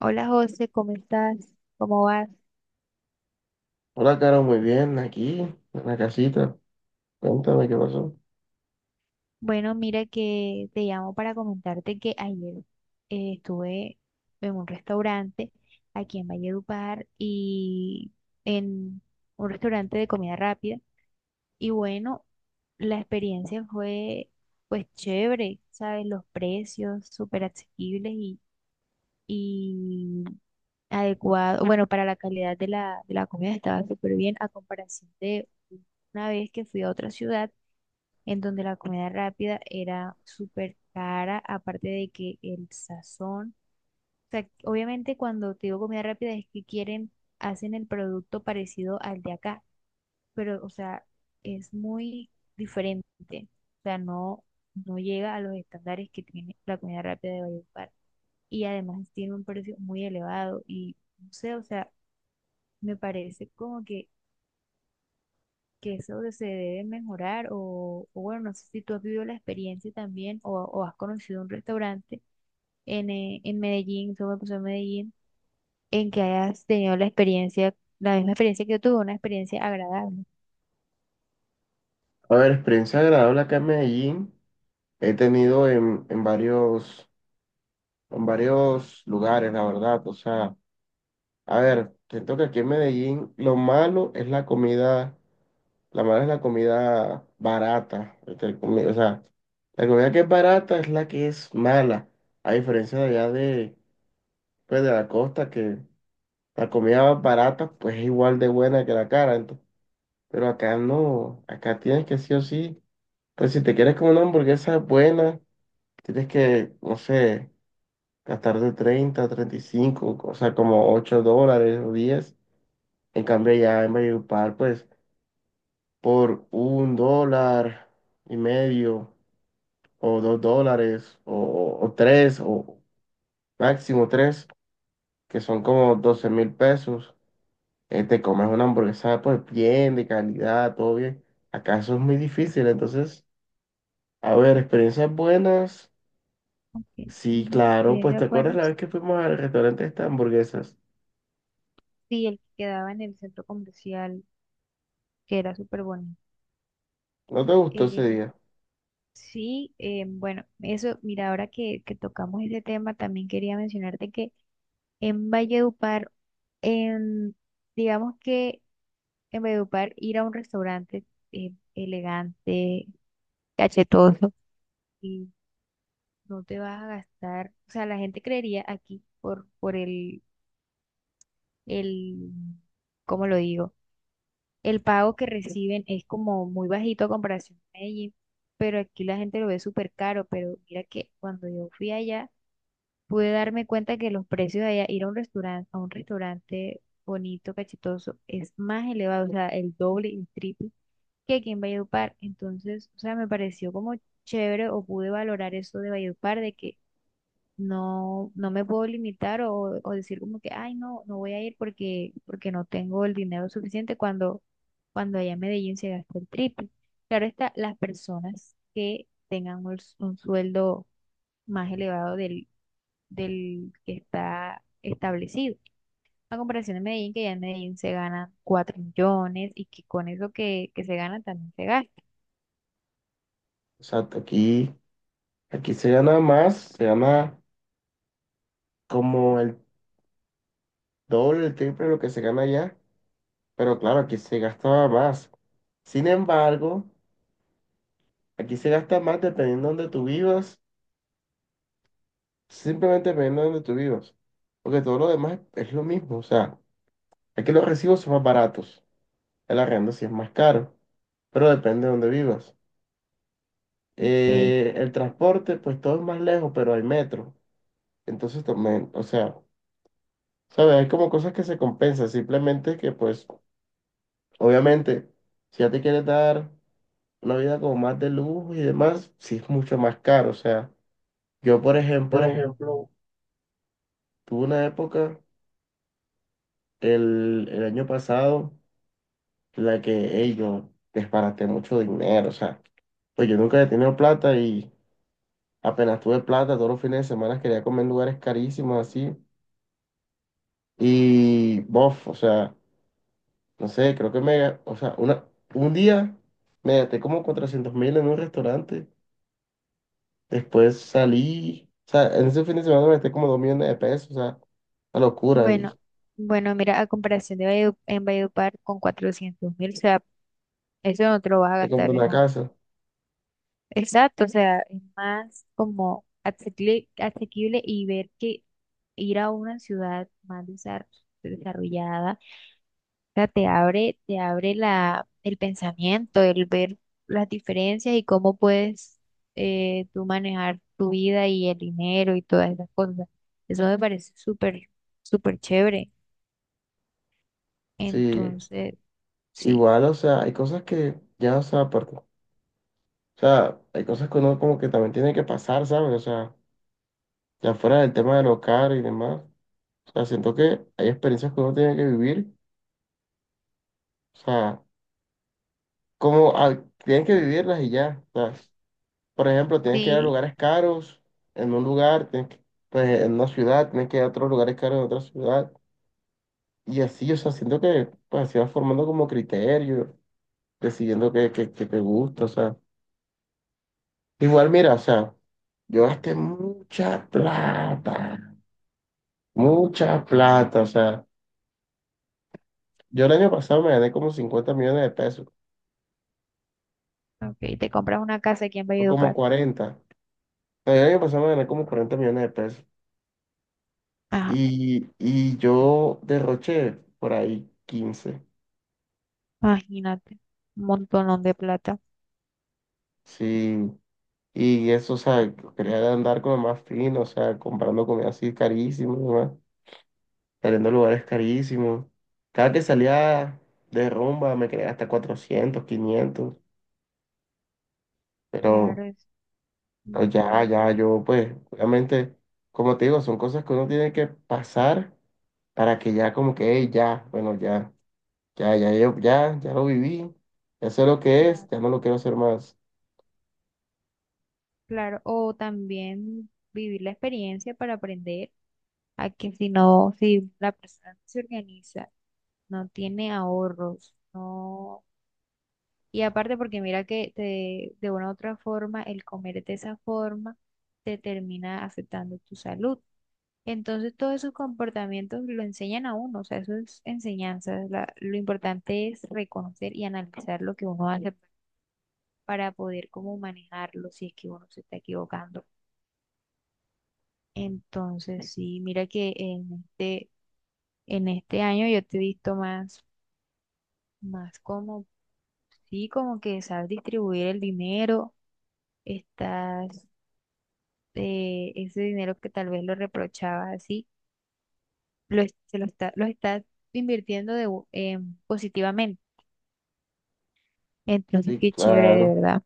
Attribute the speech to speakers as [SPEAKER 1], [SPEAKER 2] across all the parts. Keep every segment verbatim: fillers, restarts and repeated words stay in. [SPEAKER 1] Hola José, ¿cómo estás? ¿Cómo vas?
[SPEAKER 2] Hola, Caro, muy bien, aquí, en la casita. Cuéntame qué pasó.
[SPEAKER 1] Bueno, mira que te llamo para comentarte que ayer eh, estuve en un restaurante aquí en Valledupar y en un restaurante de comida rápida y bueno, la experiencia fue pues chévere, ¿sabes? Los precios súper asequibles y, y adecuado, bueno, para la calidad de la, de la comida estaba súper bien a comparación de una vez que fui a otra ciudad en donde la comida rápida era súper cara, aparte de que el sazón, o sea, obviamente cuando te digo comida rápida es que quieren, hacen el producto parecido al de acá, pero o sea, es muy diferente, o sea, no, no llega a los estándares que tiene la comida rápida de Valledupar y además tiene un precio muy elevado y no sé, o sea, me parece como que que eso se debe mejorar o, o bueno, no sé si tú has vivido la experiencia también o, o has conocido un restaurante en, eh, en Medellín, eso me pasó en Medellín, en que hayas tenido la experiencia, la misma experiencia que yo tuve, una experiencia agradable.
[SPEAKER 2] A ver, experiencia agradable acá en Medellín. He tenido en, en varios, en varios lugares, la verdad. O sea, a ver, siento que aquí en Medellín lo malo es la comida, la mala es la comida barata. entre comi- O sea, la comida que es barata es la que es mala. A diferencia de allá de, pues, de la costa, que la comida barata pues es igual de buena que la cara. Pero acá no, acá tienes que sí o sí. Pues si te quieres comer una hamburguesa buena, tienes que, no sé, gastar de treinta treinta y cinco, o sea, como ocho dólares o diez. En cambio, ya en Valledupar, pues por un dólar y medio, o dos dólares, o, o tres, o máximo tres, que son como doce mil pesos, eh, te comes una hamburguesa, pues bien, de calidad, todo bien. Acá eso es muy difícil, entonces. A ver, experiencias buenas.
[SPEAKER 1] Ok,
[SPEAKER 2] Sí,
[SPEAKER 1] ujú,
[SPEAKER 2] claro, pues te
[SPEAKER 1] experiencias
[SPEAKER 2] acuerdas la
[SPEAKER 1] buenas.
[SPEAKER 2] vez que fuimos al restaurante de estas hamburguesas.
[SPEAKER 1] Sí, el que quedaba en el centro comercial, que era súper bueno.
[SPEAKER 2] ¿No te gustó ese
[SPEAKER 1] Eh,
[SPEAKER 2] día?
[SPEAKER 1] sí, eh, bueno, eso, mira, ahora que, que tocamos ese tema, también quería mencionarte que en Valledupar, en, digamos que en Valledupar ir a un restaurante eh, elegante, cachetoso, y no te vas a gastar, o sea, la gente creería aquí por, por el, el, ¿cómo lo digo? El pago que reciben es como muy bajito a comparación a Medellín, pero aquí la gente lo ve súper caro, pero mira que cuando yo fui allá, pude darme cuenta que los precios de allá, ir a un restaurante, a un restaurante bonito, cachetoso, es más elevado, o sea, el doble y el triple que aquí en Valledupar. Entonces, o sea, me pareció como chévere o pude valorar eso de Valledupar, de que no, no me puedo limitar o, o decir como que, ay, no, no voy a ir porque, porque no tengo el dinero suficiente cuando, cuando allá en Medellín se gasta el triple. Claro está, las personas que tengan un, s- un sueldo más elevado del, del que está establecido. A comparación de Medellín, que ya en Medellín se ganan cuatro millones y que con eso que, que se gana también se gasta.
[SPEAKER 2] Exacto, aquí, aquí se gana más, se gana como el doble, el triple de lo que se gana allá, pero claro, aquí se gastaba más. Sin embargo, aquí se gasta más dependiendo de donde tú vivas, simplemente dependiendo de donde tú vivas, porque todo lo demás es lo mismo, o sea, aquí los recibos son más baratos, el arrendo sí es más caro, pero depende de donde vivas.
[SPEAKER 1] Ok.
[SPEAKER 2] Eh, el transporte, pues todo es más lejos, pero hay metro. Entonces también, o sea, ¿sabes? Hay como cosas que se compensan. Simplemente que, pues, obviamente, si ya te quieres dar una vida como más de lujo y demás, sí es mucho más caro. O sea, yo, por
[SPEAKER 1] Por
[SPEAKER 2] ejemplo,
[SPEAKER 1] ejemplo.
[SPEAKER 2] tuve una época el, el año pasado en la que, hey, yo disparaté mucho dinero. O sea, pues yo nunca he tenido plata y apenas tuve plata, todos los fines de semana quería comer en lugares carísimos así. Y, bof, o sea, no sé, creo que me, o sea, una, un día me gasté como cuatrocientos mil en un restaurante, después salí, o sea, en ese fin de semana me gasté como dos millones de pesos, o sea, una locura.
[SPEAKER 1] Bueno,
[SPEAKER 2] Y
[SPEAKER 1] bueno, mira, a comparación de Valledu- en Valledupar con cuatrocientos mil, o sea, eso no te lo vas a
[SPEAKER 2] me compré
[SPEAKER 1] gastar en
[SPEAKER 2] una
[SPEAKER 1] un...
[SPEAKER 2] casa,
[SPEAKER 1] Exacto, o sea, es más como asequible, asequible y ver que ir a una ciudad más desar- desarrollada, o sea, te abre, te abre la, el pensamiento, el ver las diferencias y cómo puedes eh, tú manejar tu vida y el dinero y todas esas cosas. Eso me parece súper, súper chévere.
[SPEAKER 2] sí,
[SPEAKER 1] Entonces, sí,
[SPEAKER 2] igual, o sea, hay cosas que ya, o sea, aparte, o sea, hay cosas que uno como que también tiene que pasar, ¿sabes? O sea, ya fuera del tema de lo caro y demás, o sea, siento que hay experiencias que uno tiene que vivir, o sea, como ah, tienes que vivirlas y ya. O sea, por ejemplo, tienes que ir a
[SPEAKER 1] sí,
[SPEAKER 2] lugares caros en un lugar, tienes que- pues, en una ciudad, tienes que ir a otros lugares caros en otra ciudad. Y así, o sea, siento que pues, así vas formando como criterio, decidiendo qué, qué, qué te gusta, o sea. Igual, mira, o sea, yo gasté mucha plata, mucha plata, o sea. Yo el año pasado me gané como cincuenta millones de pesos,
[SPEAKER 1] ok, te compras una casa aquí en
[SPEAKER 2] o como
[SPEAKER 1] Valledupar.
[SPEAKER 2] cuarenta. O sea, yo el año pasado me gané como cuarenta millones de pesos.
[SPEAKER 1] Ajá,
[SPEAKER 2] Y, y yo derroché por ahí quince.
[SPEAKER 1] imagínate, un montón de plata.
[SPEAKER 2] Sí. Y eso, o sea, quería andar como más fino, o sea, comprando comida así carísima, ¿no? Saliendo a lugares carísimos. Cada que salía de rumba me quería hasta cuatrocientos quinientos,
[SPEAKER 1] Claro,
[SPEAKER 2] pero,
[SPEAKER 1] es un
[SPEAKER 2] pero
[SPEAKER 1] montón
[SPEAKER 2] ya,
[SPEAKER 1] de
[SPEAKER 2] ya,
[SPEAKER 1] plata,
[SPEAKER 2] yo pues, obviamente, como te digo, son cosas que uno tiene que pasar, para que ya como que: "Ey, ya, bueno, ya, ya, ya, yo- ya, ya lo viví, ya sé lo que es,
[SPEAKER 1] claro,
[SPEAKER 2] ya no lo quiero hacer más".
[SPEAKER 1] claro. O también vivir la experiencia para aprender a que si no, si la persona no se organiza, no tiene ahorros, no... Y aparte porque mira que te- de una u otra forma el comer de esa forma te termina afectando tu salud. Entonces, todos esos comportamientos lo enseñan a uno, o sea, eso es enseñanza. la- lo importante es reconocer y analizar lo que uno hace para poder como manejarlo si es que uno se está equivocando. Entonces, sí, mira que en este, en este año yo te he visto más, más como, sí, como que sabes distribuir el dinero, estás, eh, ese dinero que tal vez lo reprochabas así, lo, es- se lo está, lo estás invirtiendo de, bu- em, positivamente. Entonces,
[SPEAKER 2] Sí,
[SPEAKER 1] qué chévere, de
[SPEAKER 2] claro.
[SPEAKER 1] verdad.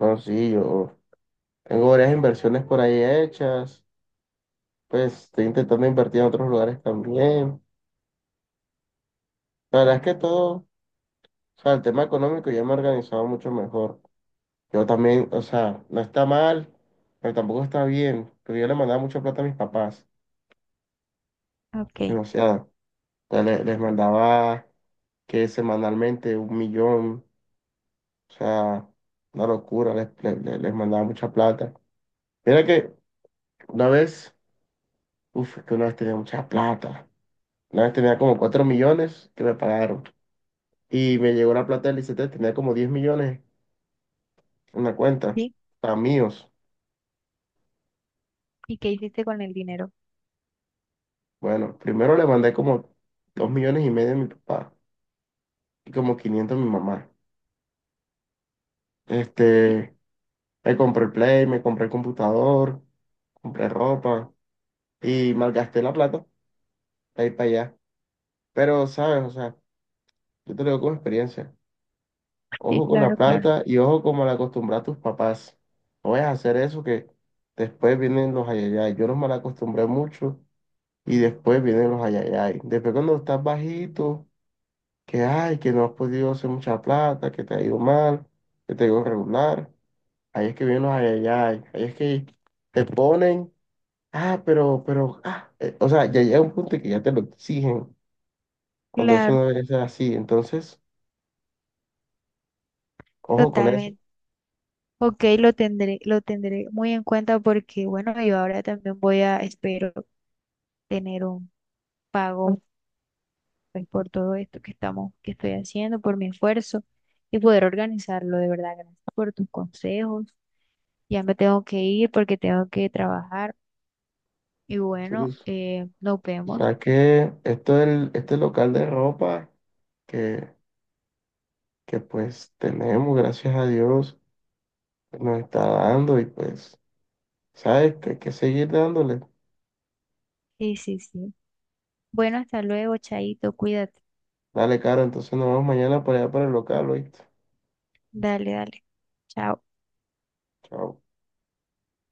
[SPEAKER 2] No, sí, yo tengo varias inversiones por ahí hechas. Pues estoy intentando invertir en otros lugares también. La verdad es que todo, o sea, el tema económico ya me he organizado mucho mejor. Yo también, o sea, no está mal, pero tampoco está bien. Pero yo le mandaba mucha plata a mis papás,
[SPEAKER 1] Ok,
[SPEAKER 2] demasiada. O sea, le- les mandaba que semanalmente un millón, o sea, una locura, les, les, les mandaba mucha plata. Mira que una vez, uff, que una vez tenía mucha plata. Una vez tenía como cuatro millones que me pagaron. Y me llegó la plata del I C T, tenía como diez millones en la cuenta,
[SPEAKER 1] sí.
[SPEAKER 2] para míos.
[SPEAKER 1] ¿Y qué hiciste con el dinero?
[SPEAKER 2] Bueno, primero le mandé como dos millones y medio a mi papá y como quinientos a mi mamá.
[SPEAKER 1] Sí,
[SPEAKER 2] Este, Me compré el Play, me compré el computador, compré ropa y malgasté la plata para ir para allá. Pero, ¿sabes? O sea, yo te lo digo con experiencia.
[SPEAKER 1] sí,
[SPEAKER 2] Ojo con la
[SPEAKER 1] claro, claro,
[SPEAKER 2] plata y ojo como la acostumbra a tus papás. No vayas a hacer eso que después vienen los ayayay. Yo los mal acostumbré mucho y después vienen los ayayay. Después, cuando estás bajito, que ay, que no has podido hacer mucha plata, que te ha ido mal, que te ha ido regular. Ahí es que vienen los ayayay. Ahí es que te ponen, ah, pero, pero, ah. Eh, o sea, ya llega un punto que ya te lo exigen, cuando eso
[SPEAKER 1] claro,
[SPEAKER 2] no debe ser así. Entonces, ojo con eso.
[SPEAKER 1] totalmente. Ok, lo tendré, lo tendré muy en cuenta porque, bueno, yo ahora también voy a, espero tener un pago pues, por todo esto que estamos, que estoy haciendo, por mi esfuerzo y poder organizarlo, de verdad. Gracias por tus consejos. Ya me tengo que ir porque tengo que trabajar. Y bueno,
[SPEAKER 2] Cyrus.
[SPEAKER 1] eh, nos vemos.
[SPEAKER 2] Ya que esto del, este local de ropa que, que pues tenemos, gracias a Dios, nos está dando y pues, ¿sabes? Que hay que seguir dándole.
[SPEAKER 1] Sí, sí, sí. Bueno, hasta luego, Chaito, cuídate.
[SPEAKER 2] Dale, Caro, entonces nos vemos mañana para allá para el local, ¿oíste?
[SPEAKER 1] Dale, dale. Chao.
[SPEAKER 2] Chao.